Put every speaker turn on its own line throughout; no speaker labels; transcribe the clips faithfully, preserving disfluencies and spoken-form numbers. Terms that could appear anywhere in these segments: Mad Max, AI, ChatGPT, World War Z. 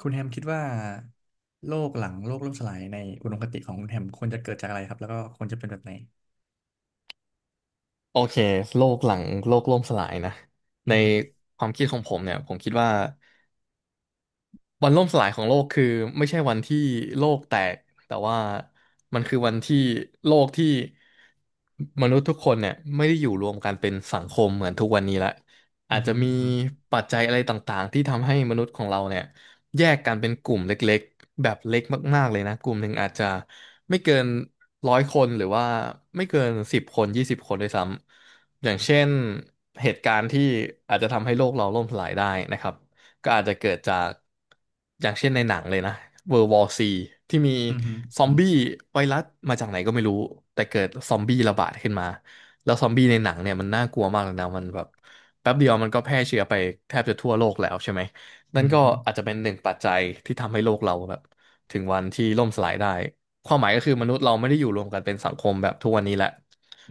คุณแฮมคิดว่าโลกหลังโลกล่มสลายในอุดมคติของคุณแฮมควรจะเกิดจากอะไรครับแล้วก็ควรจะเป็นแบบไหน
โอเคโลกหลังโลกล่มสลายนะ
อื
ใน
อฮึ
ความคิดของผมเนี่ยผมคิดว่า วันล่มสลายของโลกคือไม่ใช่วันที่โลกแตกแต่ว่ามันคือวันที่โลกที่มนุษย์ทุกคนเนี่ยไม่ได้อยู่รวมกันเป็นสังคมเหมือนทุกวันนี้ละ
อื
อาจ
อ
จะ
ฮึ
มี
อือฮึ
ปัจจัยอะไรต่างๆที่ทำให้มนุษย์ของเราเนี่ยแยกกันเป็นกลุ่มเล็กๆแบบเล็กมากๆเลยนะกลุ่มหนึ่งอาจจะไม่เกินร้อยคนหรือว่าไม่เกินสิบคนยี่สิบคนด้วยซ้ำอย่างเช่นเหตุการณ์ที่อาจจะทำให้โลกเราล่มสลายได้นะครับ ก็อาจจะเกิดจากอย่างเช่นในหนังเลยนะ World War ซีที่มี
อือฮึ
ซอ
อื
มบี้ไวรัสมาจากไหนก็ไม่รู้แต่เกิดซอมบี้ระบาดขึ้นมาแล้วซอมบี้ในหนังเนี่ยมันน่ากลัวมากเลยนะมันแบบแป๊บเดียวมันก็แพร่เชื้อไปแทบจะทั่วโลกแล้วใช่ไหม
อ
นั่นก็
ฮึ
อาจจะเป็นหนึ่งปัจจัยที่ทำให้โลกเราแบบถึงวันที่ล่มสลายได้ความหมายก็คือมนุษย์เราไม่ได้อยู่รวมกันเป็นสังคมแบบทุกวันนี้แหละ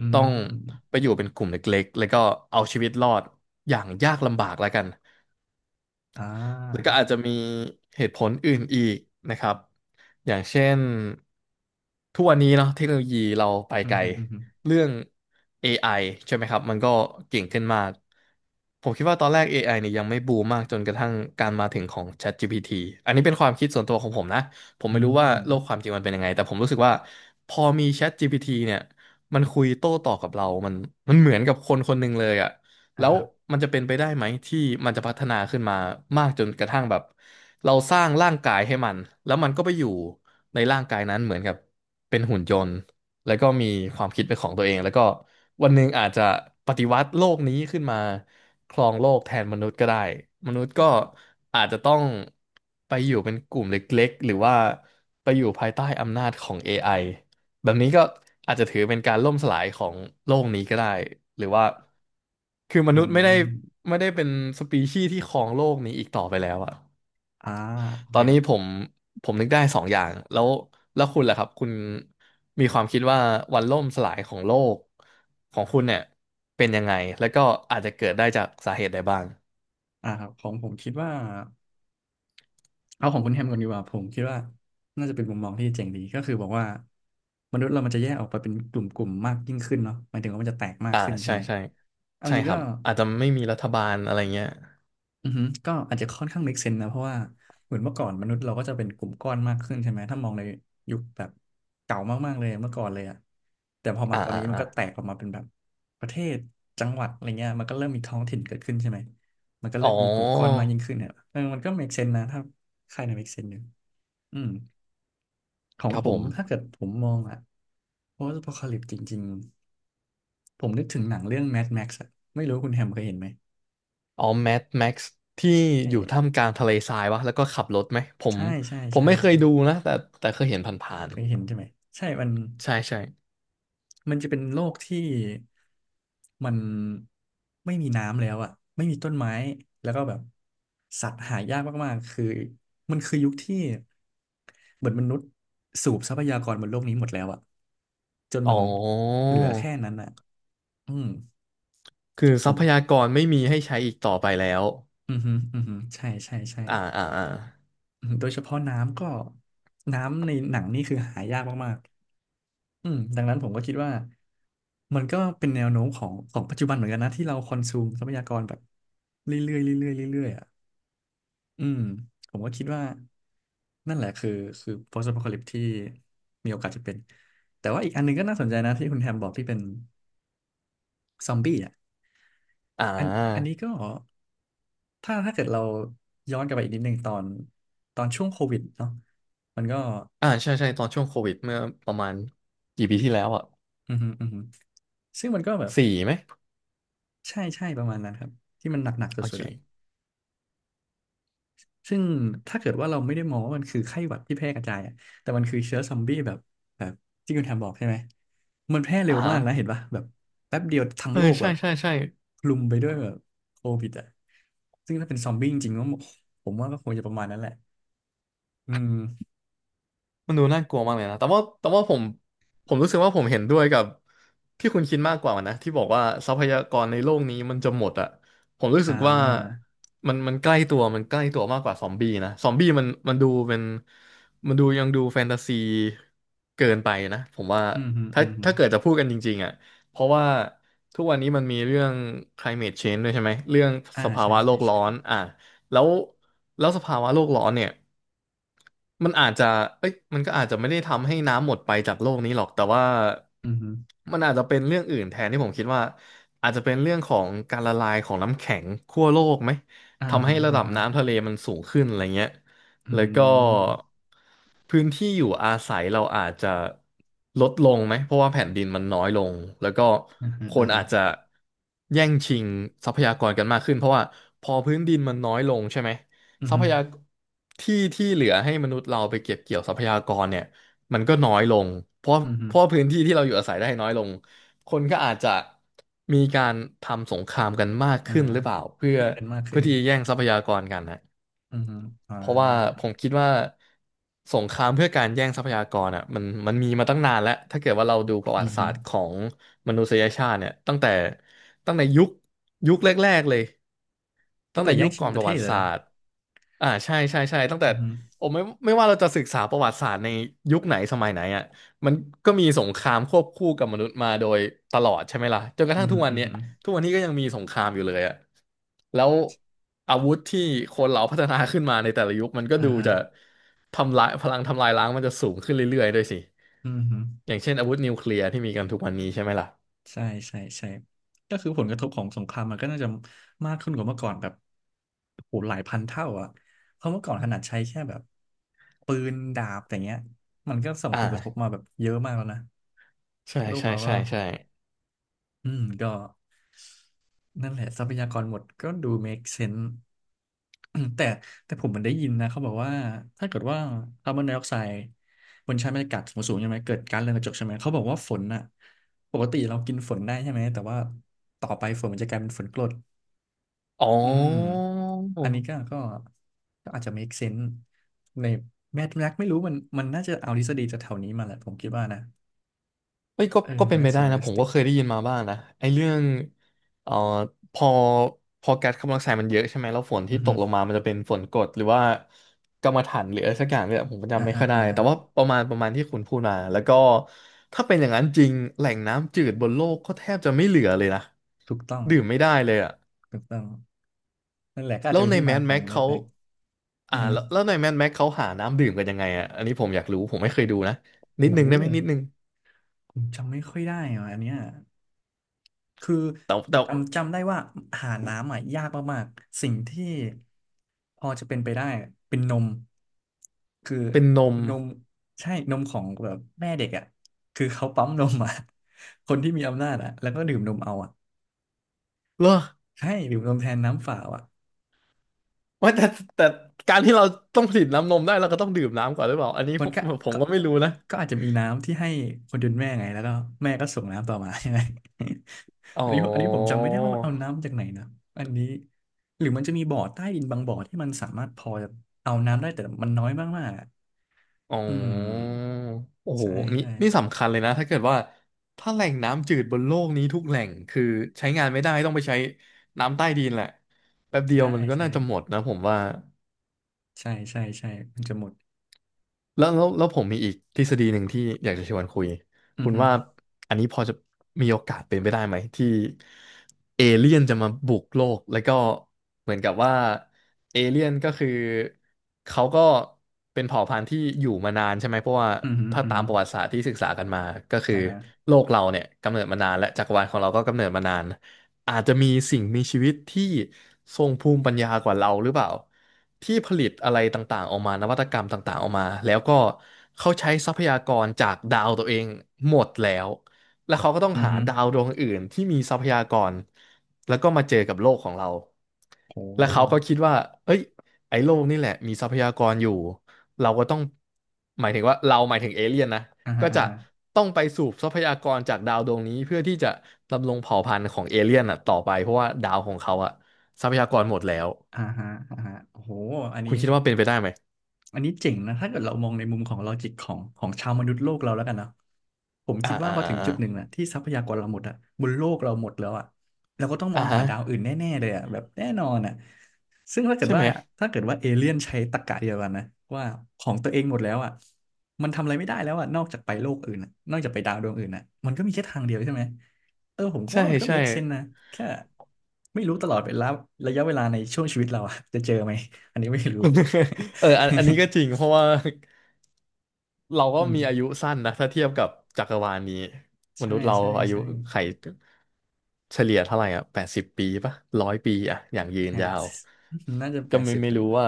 อื
ต้อง
ม
ไปอยู่เป็นกลุ่มเล็กๆแล้วก็เอาชีวิตรอดอย่างยากลำบากแล้วกัน
อ่
แล้วก็
า
อาจจะมีเหตุผลอื่นอีกนะครับ อย่างเช่นทุกวันนี้เนาะเทคโนโลยีเราไป
อื
ไก
อ
ล
ฮึอือฮึ
เรื่อง เอ ไอ ใช่ไหมครับมันก็เก่งขึ้นมากผมคิดว่าตอนแรก เอ ไอ เนี่ยยังไม่บูมมากจนกระทั่งการมาถึงของ ChatGPT อันนี้เป็นความคิดส่วนตัวของผมนะผม
อื
ไม่รู้ว่า
ม
โลกความจริงมันเป็นยังไงแต่ผมรู้สึกว่าพอมี ChatGPT เนี่ยมันคุยโต้ตอบกับเรามันมันเหมือนกับคนคนหนึ่งเลยอะ
อ่า
แล้ว
ครับ
มันจะเป็นไปได้ไหมที่มันจะพัฒนาขึ้นมามากจนกระทั่งแบบเราสร้างร่างกายให้มันแล้วมันก็ไปอยู่ในร่างกายนั้นเหมือนกับเป็นหุ่นยนต์แล้วก็มีความคิดเป็นของตัวเองแล้วก็วันหนึ่งอาจจะปฏิวัติโลกนี้ขึ้นมาครองโลกแทนมนุษย์ก็ได้มนุษย์ก็อาจจะต้องไปอยู่เป็นกลุ่มเล็กๆหรือว่าไปอยู่ภายใต้อำนาจของ เอ ไอ แบบนี้ก็อาจจะถือเป็นการล่มสลายของโลกนี้ก็ได้หรือว่าคือม
อื
นุษย์ไม่ได้
ม
ไม่ได้เป็นสปีชีส์ที่ครองโลกนี้อีกต่อไปแล้วอะ
อ่าโอ
ต
เค
อน
ค
นี้
รับ
ผมผมนึกได้สองอย่างแล้วแล้วคุณล่ะครับคุณมีความคิดว่าวันล่มสลายของโลกของคุณเนี่ยเป็นยังไงแล้วก็อาจจะเกิดได้จากสาเหตุใดบ้าง
อ่าครับของผมคิดว่า เอาของคุณแฮมก่อนดีกว่าผมคิดว่าน่าจะเป็นมุมมองที่เจ๋งดีก็คือบอกว่ามนุษย์เรามันจะแยกออกไปเป็นกลุ่มๆมากยิ่งขึ้นเนาะหมายถึงว่ามันจะแตกมาก
อ่า
ขึ้นใช่
ใช่
ไหม
ใช่
เอาจ
ใช่
ริง
ค
ๆ
รั
ก็
บอาจจะไม่มีรัฐบาลอะไรเงี้ย
อือฮึก็อาจจะค่อนข้าง make sense นะเพราะว่าเหมือนเมื่อก่อนมนุษย์เราก็จะเป็นกลุ่มก้อนมากขึ้นใช่ไหมถ้ามองในยุคแบบเก่ามากๆเลยเมื่อก่อนเลยอะแต่พอมา
อ่า
ตอน
อ่า
นี้มัน
อ่า
ก็แตกออกมาเป็นแบบประเทศจังหวัดอะไรเงี้ยมันก็เริ่มมีท้องถิ่นเกิดขึ้นใช่ไหมมันก็
อ๋
เริ่มมีกลุ่มก้อนมา
อ
กยิ่งขึ้นเนี่ยเออมันก็ make sense นะถ้าใครใน make sense อยู่อืมของ
ครับ
ผ
ผ
ม
ม
ถ้าเกิดผมมองอะ post apocalypse จริงๆผมนึกถึงหนังเรื่อง Mad Max อะไม่รู้คุณแฮมเคยเห็นไหม
อ๋อแมทแม็กซ์ที่
ใช
อยู่ท่าม
่
กลางทะเลทรายวะแล้วก็ขับรถไหมผม
ใช่ใช่
ผม
ใช่
ไม่เคย
ใช่
ดูนะแต่แต่เคยเห็นผ่าน
เคยเห็นใช่ไหมใช่มัน
ๆใช่ใช่
มันจะเป็นโลกที่มันไม่มีน้ำแล้วอ่ะไม่มีต้นไม้แล้วก็แบบสัตว์หายากมากๆคือมันคือยุคที่เหมือนมนุษย์สูบทรัพยากรบนโลกนี้หมดแล้วอ่ะจน
อ๋
มั
อ
นเหลือแค่นั้นอ่ะอืม
คือท
ผ
รั
ม
พยากรไม่มีให้ใช้อีกต่อไปแล้ว
อือฮึอือฮึใช่ใช่ใช่
อ่าอ่าอ่า
อือฮึโดยเฉพาะน้ำก็น้ำในหนังนี่คือหายากมาก อืมดังนั้นผมก็คิดว่ามันก็เป็นแนวโน้มของของปัจจุบันเหมือนกันนะที่เราคอนซูมทรัพยากรแบบเรื่อยๆเรื่อยๆเรื่อยๆอ่ะอืมผมก็คิดว่านั่นแหละคือคือ post apocalypse ที่มีโอกาสจะเป็นแต่ว่าอีกอันหนึงก็น่าสนใจนะที่คุณแฮมบอกที่เป็นซอมบี้อ่ะ
อ่
อันอัน
า
นี้ก็ถ้าถ้าเกิดเราย้อนกลับไปอีกนิดนึงตอนตอนช่วงโควิดเนาะมันก็
อ่าใช่ใช่ตอนช่วงโควิดเมื่อประมาณกี่ปีที่แล้วอ่ะ
อืมอหืมออือหือซึ่งมันก็แบบ
สี่ไหม
ใช่ใช่ประมาณนั้นครับที่มันหนักๆ
โอ
สุดๆอะ
เค
ซึ่งถ้าเกิดว่าเราไม่ได้มองว่ามันคือไข้หวัดที่แพร่กระจายอะแต่มันคือเชื้อซอมบี้แบบแบบที่คุณแทมบอกใช่ไหมมันแพร่เร็
อ่า
ว
ฮะ
มากนะเห็นปะแบบแป๊บเดียวทั้ง
เออ
โลกแบ
ใช่
บ
ใช่ใช่
คลุมไปด้วยแบบโควิดอ่ะซึ่งถ้าเป็นซอมบี้จริงๆก็ผมว่าก็คงจะประมาณนั้นแหละอืม
มันดูน่ากลัวมากเลยนะ แต่ว่าแต่ว่าผมผมรู้สึกว่าผมเห็นด้วยกับที่คุณคิดมากกว่านะที่บอกว่าทรัพยากรในโลกนี้มันจะหมดอะผมรู้สึ
อ่า
กว่ามันมันใกล้ตัวมันใกล้ตัวมากกว่าซอมบี้นะซอมบี้มันมันดูเป็นมันดูยังดูแฟนตาซีเกินไปนะผมว่า
อืมฮึอื
ถ้า
มฮึ
ถ้าเกิดจะพูดกันจริงๆอะเพราะว่าทุกวันนี้มันมีเรื่อง climate change ด้วยใช่ไหมเรื่อง
อ่า
สภา
ใช่
วะโล
ใช่
กร้อ
ใช่
นอ่ะ แล้วแล้วสภาวะโลกร้อนเนี่ยมันอาจจะเอ้ยมันก็อาจจะไม่ได้ทำให้น้ำหมดไปจากโลกนี้หรอกแต่ว่า
อืมฮึ
มันอาจจะเป็นเรื่องอื่นแทนที่ผมคิดว่าอาจจะเป็นเรื่องของการละลายของน้ำแข็งขั้วโลกไหม
อ่า
ทำให้
ฮะ
ระ
อ่า
ดับ
ฮะ
น้ำทะเลมันสูงขึ้นอะไรเงี้ย
อื
แล้วก็
ม
พื้นที่อยู่อาศัยเราอาจจะลดลงไหมเพราะว่าแผ่นดินมันน้อยลงแล้วก็
อ่าฮะ
ค
อ่า
น
ฮะ
อาจจะแย่งชิงทรัพยากรกันมากขึ้นเพราะว่าพอพื้นดินมันน้อยลงใช่ไหม
อืม
ทรั
ฮึ
พยากที่ที่เหลือให้มนุษย์เราไปเก็บเกี่ยวทรัพยากรเนี่ยมันก็น้อยลงเพราะ
อืมฮึ
เพราะพื้นที่ที่เราอยู่อาศัยได้น้อยลงคนก็อาจจะมีการทำสงครามกันมาก
อ่า
ขึ้น
ฮะ
หรือเปล่าเพื่อ
แย่งกันมาก
เพื่
ขึ้
อ
น
ที่จะแย่งทรัพยากรกันนะ
อืมฮึอ่า
เพราะว่าผมคิดว่าสงครามเพื่อการแย่งทรัพยากรอ่ะมันมันมีมาตั้งนานแล้วถ้าเกิดว่าเราดูประ
อื
วั
ม
ติศา
ฮึ
สตร์ของมนุษยชาติเนี่ยตั้งแต่ตั้งแต่ยุคยุคแรกๆเลย ตั้
ตั้ง
ง
แต่
แต่
แย่
ยุ
ง
ค
ชิ
ก่
ง
อน
ป
ป
ระ
ระ
เท
วั
ศ
ติ
เลย
ศา
แล้ว
สตร์อ่าใช่ใช่ใช่ตั้งแต่
อือฮึ
ผมไม่ไม่ว่าเราจะศึกษาประวัติศาสตร์ในยุคไหนสมัยไหนอ่ะมันก็มีสงครามควบคู่กับมนุษย์มาโดยตลอดใช่ไหมล่ะจนกระ
อื
ทั่
อ
ง
ฮึ
ทุกวัน
อือ
เนี้ย
ฮึ
ทุกวันนี้ก็ยังมีสงครามอยู่เลยอ่ะแล้วอาวุธที่คนเราพัฒนาขึ้นมาในแต่ละยุคมันก็
อ่า
ดู
ฮะ
จะทำลายพลังทำลายล้างมันจะสูงขึ้นเรื่อยๆด้วยสิ
อือฮึ
อย่างเช่นอาวุธนิวเคลียร์ที่มีกันทุกวันนี้ใช่ไหมล่ะ
ใช่ใช่ใช่ก็คือผลกระทบของสงครามมันก็น่าจะมากขึ้นกว่าเมื่อก่อนแบบโหหลายพันเท่าอ่ะเพราะเมื่อก่อนขนาดใช้แค่แบบปืนดาบอย่างเงี้ยมันก็ส่งผลกระทบ
อ่า
มาแบบเยอะมากแล้วนะ
ใช่
โลก
ใช่
เราก็
ใช่ใช่
อืมก็นั่นแหละทรัพยากรหมดก็ดู make sense แต่แต่ผมมันได้ยินนะเขาบอกว่าถ้าเกิดว่าคาร์บอนไดออกไซด์บนชั้นบรรยากาศสูงสูงใช่ไหมเกิดก๊าซเรือนกระจกใช่ไหมเขาบอกว่าฝนอ่ะปกติเรากินฝนได้ใช่ไหมแต่ว่าต่อไปฝนมันจะกลายเป็นฝนกรด
อ๋อ
อืมอันนี้ก็ก็ก็อาจจะ make sense ในแมทแม็กไม่รู้มันมันน่าจะเอาทฤษฎีจากแถวนี้มาแหละผมคิดว่านะ
เอ้ยก็
เออ
ก็
มั
เป็น
น
ไป
น่าจะ
ได้นะผมก็
realistic
เคยได้ยินมาบ้างนะไอ้เรื่องเอ่อพอพอแก๊สคาร์บอนไดออกไซด์มันเยอะใช่ไหมแล้วฝน
อื
ที่
อ
ต
ฮึ
กลงมามันจะเป็นฝนกรดหรือว่ากำมะถันหรืออะไรสักอย่างเนี่ยผม
อ่า
จำไม่
อ่า
ค่อยได้
อ่า
แต่ว่าประมาณประมาณที่คุณพูดมาแล้วก็ถ้าเป็นอย่างนั้นจริงแหล่งน้ำจืดบนโลกก็แทบจะไม่เหลือเลยนะ
ถูกต้อง
ดื่มไม่ได้เลยอะ
ถูกต้องนั่นแหละก็อาจ
แล้
จะ
ว
เป็น
ใน
ที่
แม
มา
d
ขอ
แม็
ง
ก
แมท
เขา
แม็กอื
อ่า
อฮึ
แล้วแล้วในแม d แม็กเขาหาน้ำดื่มกันยังไงอะอันนี้ผมอยากรู้ผมไม่เคยดูนะนิด
โอ้
นึ
โห
งได้ไหมนิดนึง
ผมจำไม่ค่อยได้อ่ะอันเนี้ยคือ
แต่แต่
จำจำได้ว่าหาน้ำอ่ะยากมากๆสิ่งที่พอจะเป็นไปได้เป็นนมคือ
เป็นนม
นมใช่นมของแบบแม่เด็กอ่ะคือเขาปั๊มนมอ่ะ คนที่มีอำนาจอ่ะแล้วก็ดื่มนมเอาอ่ะ
เหรอ
ใช่ดื่มนมแทนน้ำเปล่าอ่ะ
ว่าแต่แต่การที่เราต้องผลิตน้ำนมได้เราก็ต้องดื่มน้ำก่อนหรือเปล่าอันนี้
มั
ผ
น
ม
ก็
ผม
ก็
ก็ไม่รู้นะ
ก็อาจจะมีน้ำที่ให้คนจนแม่ไงแล้วก็แม่ก็ส่งน้ำต่อมา ใช่ไหม
อ๋ อ
อันนี้อันนี้ผมจำไม่ได้ว่ามันเอาน้ำจากไหนนะอันนี้หรือมันจะมีบ่อใต้ดินบางบ่อที่มันสามารถพอจะเอาน้ำได้แต่มันน้อยมากๆอะ
อ๋อ
อืม
โอ้โห
ใช่
นี่
ใช่
นี่สำคัญเลยนะถ้าเกิดว่าถ้าแหล่งน้ำจืดบนโลกนี้ทุกแหล่งคือใช้งานไม่ได้ต้องไปใช้น้ำใต้ดินแหละแป๊บเดีย
ใช่
วมันก็
ใช่
น่าจะหมดนะผมว่า
ใช่ใช่ใช่มันจะหมด
แล้วแล้วแล้วผมมีอีกทฤษฎีหนึ่งที่อยากจะชวนคุย
อือ
คุณ
ฮึ
ว่าอันนี้พอจะมีโอกาสเป็นไปได้ไหมที่เอเลี่ยนจะมาบุกโลกแล้วก็เหมือนกับว่าเอเลี่ยนก็คือเขาก็เป็นเผ่าพันธุ์ที่อยู่มานานใช่ไหมเพราะว่า
อือฮึ
ถ้า
อือ
ตาม
ฮึ
ประวัติศาสตร์ที่ศึกษากันมาก็คือ
อ่าฮะ
โลกเราเนี่ยกำเนิดมานานและจักรวาลของเราก็กำเนิดมานาน อาจจะมีสิ่งมีชีวิตที่ทรงภูมิปัญญากว่าเราหรือเปล่าที่ผลิตอะไรต่างๆออกมานวัตกรรมต่างๆออกมาแล้วก็เขาใช้ทรัพยากรจากดาวตัวเองหมดแล้วแล้วเขาก็ต้อง
อือ
หา
ฮึ
ดาวดวงอื่นที่มีทรัพยากรแล้วก็มาเจอกับโลกของเรา
โ
และเขาก็
ห
คิดว่าเอ้ยไอ้โลกนี่แหละมีทรัพยากรอยู่เราก็ต้องหมายถึงว่าเราหมายถึงเอเลี่ยนนะ
อ่าฮะ
ก็
อ่า
จะ
ฮะ
ต้องไปสูบทรัพยากรจากดาวดวงนี้เพื่อที่จะดำรงเผ่าพันธุ์ของเอเลี่ยนอ่ะต่อไปเพราะว่าดาวของเขาอ่ะทรัพยากรหมดแล้ว
อ่าฮะอ่าฮะโอ้โหอัน
คุ
นี้
ณคิดว่าเป็นไปได้ไหม
อันนี้เจ๋งนะถ้าเกิดเรามองในมุมของลอจิกของของชาวมนุษย์โลกเราแล้วกันเนาะผม
อ่า
คิดว่า
อ่า
พอ
อ่า
ถึง
อ่า
จุดหนึ่งนะที่ทรัพยากรเราหมดอะบนโลกเราหมดแล้วอะเราก็ต้องมอ
อ่า
งหา
ฮะ
ดาวอื่นแน่ๆเลยอะแบบแน่นอนอะซึ่งถ้าเกิด
ใช่
ว่า
ไหม
ถ้าเกิดว่าเอเลี่ยนใช้ตรรกะเดียวกันนะว่าของตัวเองหมดแล้วอะมันทำอะไรไม่ได้แล้วอะนอกจากไปโลกอื่นอะนอกจากไปดาวดวงอื่นอะมันก็มีแค่ทางเดียวใช่ไหมเออผมก็
ใช่
ว่ามันก็
ใช่
make sense นะแค่ไม่รู้ตลอดเวลาระยะเวลาในช่วงชีวิตเราอะจะเจอไหมอันนี้ไม่รู้
เอออันอันนี้ก็จริง เพราะว่า เรา
อื
ก็มีอา
ม
ยุสั้นนะถ้าเทียบกับจักรวาลนี้ม
ใช่
นุษย์เรา
ใช่
อายุ
ใช่
ไขเฉลี่ยเท่าไหร่อ่ะแปดสิบปีปะร้อยปีอ่ะอย่างยืน
แปด
ยาว
น่าจะแป
ก็
ด
ไม่
สิบ
ไม่
นะ
รู้
เนี่ย
ว่า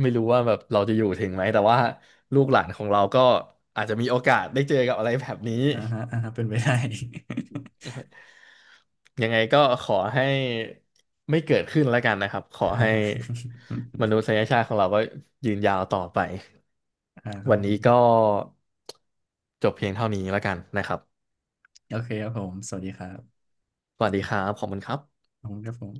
ไม่รู้ว่าแบบเราจะอยู่ถึงไหมแต่ว่าลูกหลานของเราก็อาจจะมีโอกาสได้เจอกับอะไรแบบนี้
อ่าฮะอ่าฮะเป็นไปได้
ยังไงก็ขอให้ไม่เกิดขึ้นแล้วกันนะครับขอ
อ่า
ให้
ฮะ
มนุษ ยชาติของเราก็ยืนยาวต่อไป
อ่าครับ
วัน
ผ
นี้
ม
ก็จบเพียงเท่านี้แล้วกันนะครับ
โอเคครับผมสวัสดีครับ
สวัสดีครับขอบคุณครับ
ผมครับผม